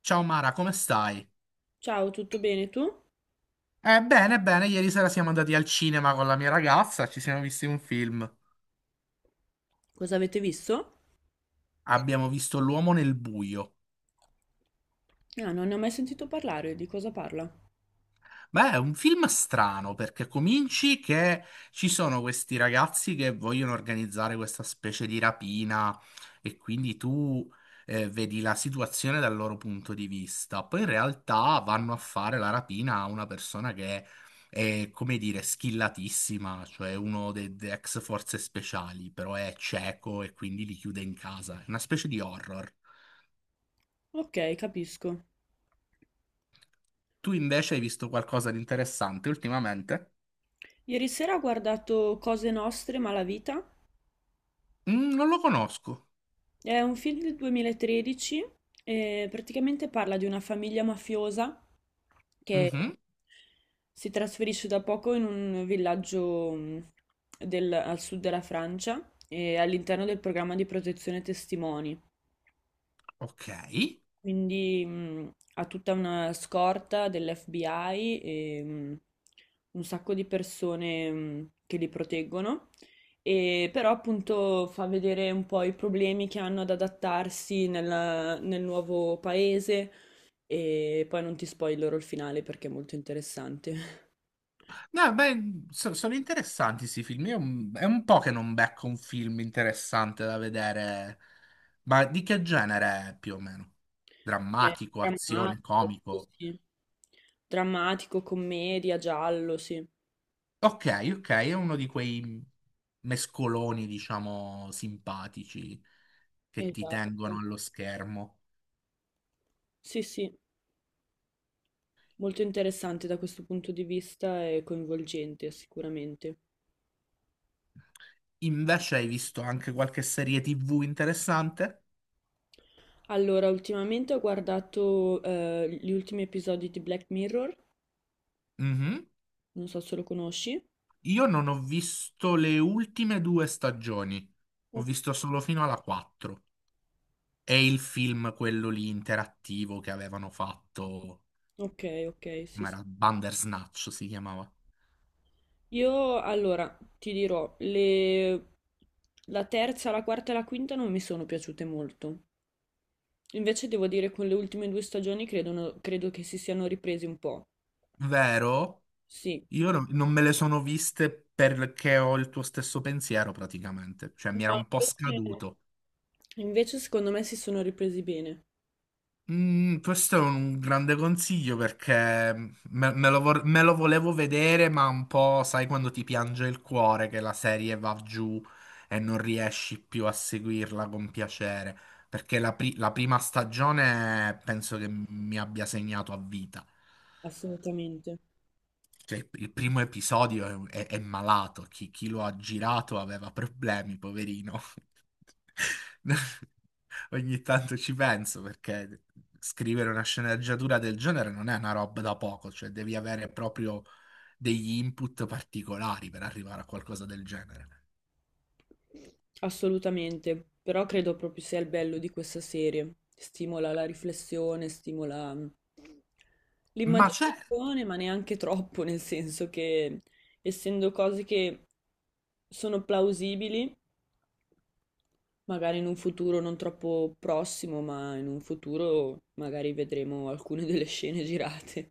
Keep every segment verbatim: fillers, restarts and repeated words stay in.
Ciao Mara, come stai? Ciao, tutto bene tu? Eh, bene, bene, ieri sera siamo andati al cinema con la mia ragazza, ci siamo visti un film. Cosa avete visto? Abbiamo visto L'uomo nel buio. Ah, non ne ho mai sentito parlare, di cosa parla? Beh, è un film strano perché cominci che ci sono questi ragazzi che vogliono organizzare questa specie di rapina e quindi tu eh, vedi la situazione dal loro punto di vista. Poi in realtà vanno a fare la rapina a una persona che è, come dire, skillatissima, cioè uno dei dei ex forze speciali, però è cieco e quindi li chiude in casa. È una specie di horror. Ok, capisco. Tu invece hai visto qualcosa di interessante ultimamente? Ieri sera ho guardato Cose Nostre, Malavita. Mm, non lo conosco. È un film del duemilatredici e praticamente parla di una famiglia mafiosa che Mhm. si trasferisce da poco in un villaggio, mh, del- al sud della Francia e all'interno del programma di protezione testimoni. Ok. Quindi mh, ha tutta una scorta dell'F B I e mh, un sacco di persone mh, che li proteggono, e però appunto fa vedere un po' i problemi che hanno ad adattarsi nella- nel nuovo paese e poi non ti spoilerò il finale perché è molto interessante. No, beh, so- sono interessanti questi film. Io, mm, è un po' che non becco un film interessante da vedere. Ma di che genere è più o meno? È Drammatico, azione, drammatico, comico? sì. Drammatico, commedia, giallo, sì. Ok, ok, è uno di quei mescoloni, diciamo, simpatici che ti tengono Esatto. allo schermo. Sì, sì. Molto interessante da questo punto di vista e coinvolgente sicuramente. Invece hai visto anche qualche serie T V interessante? Allora, ultimamente ho guardato eh, gli ultimi episodi di Black Mirror, Mhm. non so se lo conosci. Io non ho visto le ultime due stagioni, ho Ok, visto solo fino alla quarta. E il film, quello lì interattivo che avevano fatto, ok, ok, sì, come sì. era Bandersnatch si chiamava. Io allora ti dirò, le... la terza, la quarta e la quinta non mi sono piaciute molto. Invece devo dire con le ultime due stagioni credono- credo che si siano ripresi un po'. Vero? Sì. Io non non me le sono viste perché ho il tuo stesso pensiero praticamente, cioè No, mi era un po' invece, scaduto. invece secondo me si sono ripresi bene, Mm, questo è un grande consiglio perché me, me lo vor- me lo volevo vedere, ma un po' sai quando ti piange il cuore che la serie va giù e non riesci più a seguirla con piacere. Perché la, pri- la prima stagione penso che mi abbia segnato a vita. assolutamente. Cioè, il primo episodio è, è- è malato, chi, chi lo ha girato aveva problemi, poverino. Ogni tanto ci penso perché scrivere una sceneggiatura del genere non è una roba da poco, cioè devi avere proprio degli input particolari per arrivare a qualcosa del genere. Assolutamente, però credo proprio sia il bello di questa serie. Stimola la riflessione, stimola mm, Ma certo. l'immaginazione, ma neanche troppo, nel senso che essendo cose che sono plausibili, magari in un futuro non troppo prossimo, ma in un futuro magari vedremo alcune delle scene girate.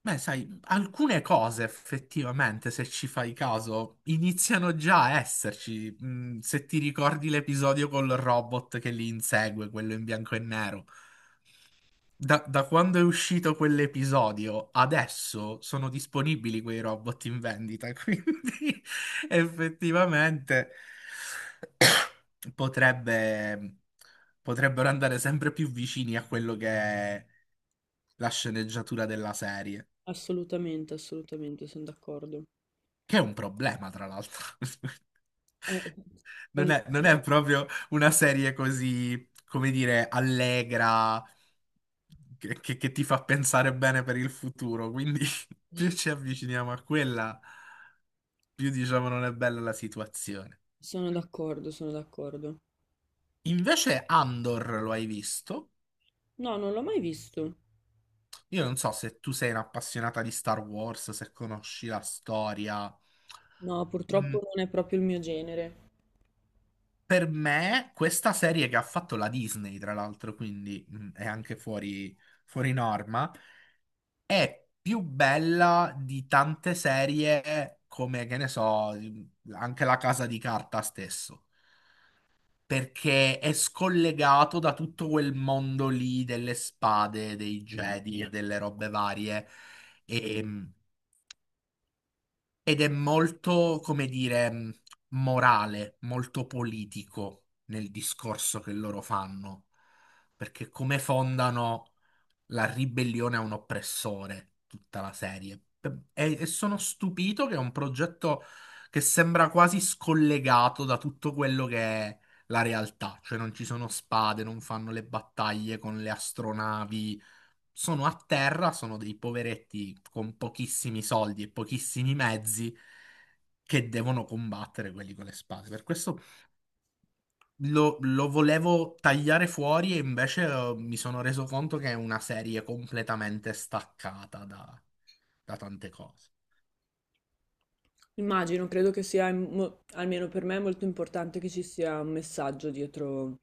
Beh, sai, alcune cose effettivamente, se ci fai caso, iniziano già a esserci. Mm, se ti ricordi l'episodio col robot che li insegue, quello in bianco e nero. Da, da quando è uscito quell'episodio, adesso sono disponibili quei robot in vendita, quindi effettivamente potrebbe- potrebbero andare sempre più vicini a quello che è la sceneggiatura della serie, Assolutamente, assolutamente, sono d'accordo. che è un problema, tra l'altro. Eh, è Non un... è, non è proprio una serie così, come dire, allegra, che, che- che ti fa pensare bene per il futuro. Quindi più ci avviciniamo a quella, più diciamo non è bella la situazione. Sono d'accordo, sono d'accordo. Invece Andor lo hai visto? No, non l'ho mai visto. Io non so se tu sei un'appassionata di Star Wars, se conosci la storia. No, purtroppo Mm, non è proprio il mio genere. per me, questa serie che ha fatto la Disney, tra l'altro, quindi mm, è anche fuori, fuori norma, è più bella di tante serie come, che ne so, anche La Casa di Carta stesso, perché è scollegato da tutto quel mondo lì delle spade, dei Jedi e delle robe varie. E- Ed è molto, come dire, morale, molto politico nel discorso che loro fanno, perché come fondano la ribellione a un oppressore, tutta la serie. E, e sono stupito che è un progetto che sembra quasi scollegato da tutto quello che è la realtà, cioè non ci sono spade, non fanno le battaglie con le astronavi, sono a terra, sono dei poveretti con pochissimi soldi e pochissimi mezzi che devono combattere quelli con le spade. Per questo lo, lo volevo tagliare fuori e invece eh, mi sono reso conto che è una serie completamente staccata da, da tante cose. Immagino, credo che sia, mo- almeno per me, è molto importante che ci sia un messaggio dietro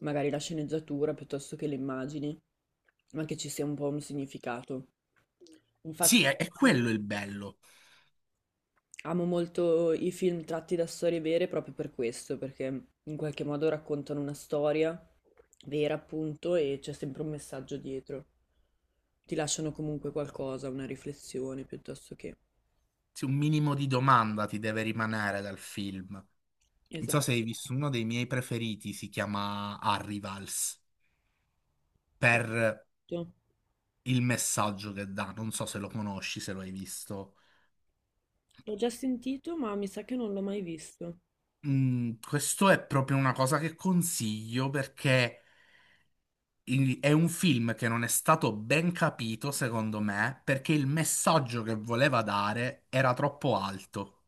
magari la sceneggiatura piuttosto che le immagini, ma che ci sia un po' un significato. Sì, Infatti, è, è quello il bello. amo molto i film tratti da storie vere proprio per questo, perché in qualche modo raccontano una storia vera, appunto, e c'è sempre un messaggio dietro. Ti lasciano comunque qualcosa, una riflessione piuttosto che... Sì, un minimo di domanda ti deve rimanere dal film. Non so Esatto. se hai visto uno dei miei preferiti, si chiama Arrivals, per il messaggio che dà. Non so se lo conosci, se lo hai visto. L'ho già sentito, ma mi sa che non l'ho mai visto. Mm, questo è proprio una cosa che consiglio perché il- è un film che non è stato ben capito, secondo me, perché il messaggio che voleva dare era troppo alto.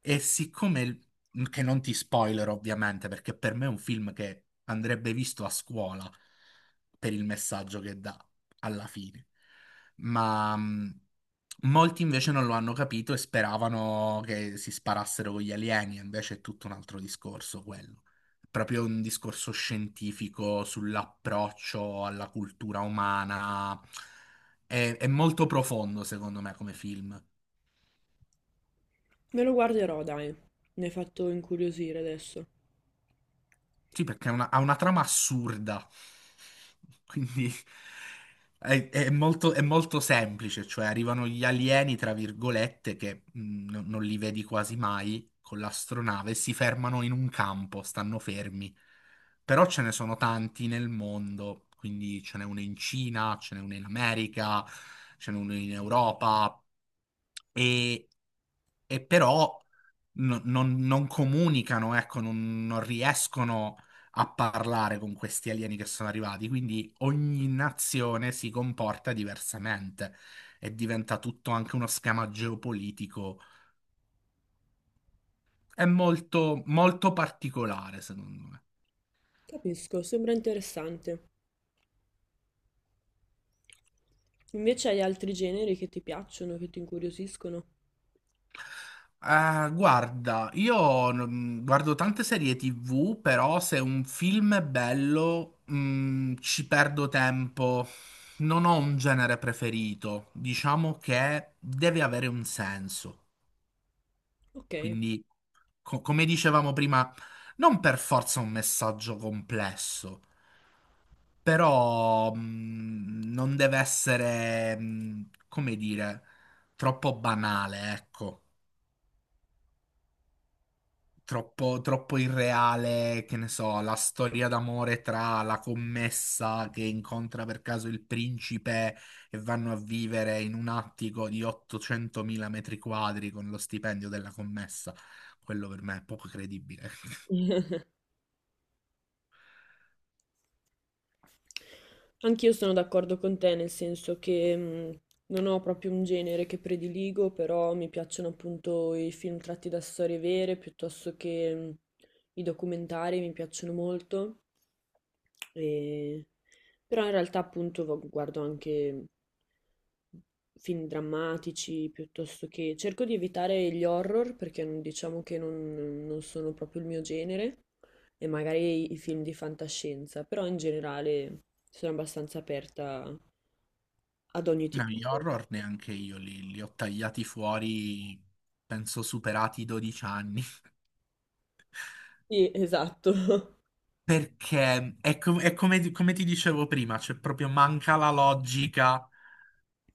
E siccome, il- mhmm, che non ti spoiler ovviamente, perché per me è un film che andrebbe visto a scuola per il messaggio che dà alla fine, ma mh, molti invece non lo hanno capito e speravano che si sparassero con gli alieni, invece è tutto un altro discorso quello. È proprio un discorso scientifico sull'approccio alla cultura umana. è è molto profondo, secondo me, come film. Me lo guarderò, dai. Mi hai fatto incuriosire adesso. Sì, perché è una- ha una trama assurda. Quindi è, è molto, è molto semplice, cioè arrivano gli alieni, tra virgolette, che mh, non non li vedi quasi mai con l'astronave, si fermano in un campo, stanno fermi. Però ce ne sono tanti nel mondo, quindi ce n'è uno in Cina, ce n'è uno in America, ce n'è uno in Europa e, e però no- non, non comunicano, ecco, non, non riescono a parlare con questi alieni che sono arrivati, quindi ogni nazione si comporta diversamente e diventa tutto anche uno schema geopolitico. È molto, molto particolare, secondo me. Capisco, sembra interessante. Invece hai altri generi che ti piacciono, che ti incuriosiscono? Eh, guarda, io non- guardo tante serie T V, però se un film è bello, mm, ci perdo tempo. Non ho un genere preferito. Diciamo che deve avere un senso. Ok. Quindi, co- come dicevamo prima, non per forza un messaggio complesso, però mh, non deve essere, mh, come dire, troppo banale, ecco. Troppo, troppo irreale, che ne so, la storia d'amore tra la commessa che incontra per caso il principe e vanno a vivere in un attico di ottocentomila metri quadri con lo stipendio della commessa. Quello per me è poco credibile. Anch'io sono d'accordo con te, nel senso che mh, non ho proprio un genere che prediligo, però mi piacciono appunto i film tratti da storie vere, piuttosto che mh, i documentari, mi piacciono molto. E- Però in realtà appunto vo- guardo anche mhmm, film drammatici, piuttosto che... Cerco di evitare gli horror, perché non- diciamo che non non sono proprio il mio genere e magari i film di fantascienza, però in generale sono abbastanza aperta ad ogni No, tipo gli di... horror neanche io li, li ho tagliati fuori, penso superati i dodici anni, Sì, esatto. perché è, co- è come, come ti dicevo prima, c'è proprio manca la logica.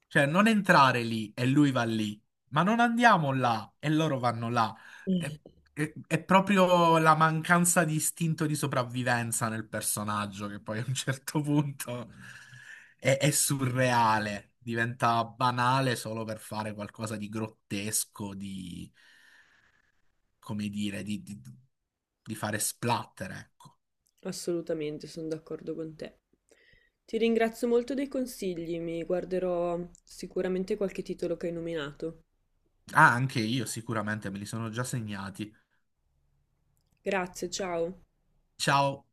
Cioè, non entrare lì e lui va lì, ma non andiamo là e loro vanno là. È, è- è proprio la mancanza di istinto di sopravvivenza nel personaggio che poi a un certo punto è, è surreale, diventa banale solo per fare qualcosa di grottesco, di, come dire, di, di- di fare splatter, ecco. Assolutamente, sono d'accordo con te. Ti ringrazio molto dei consigli, mi guarderò sicuramente qualche titolo che hai nominato. Ah, anche io sicuramente me li sono già segnati. Grazie, ciao. Ciao.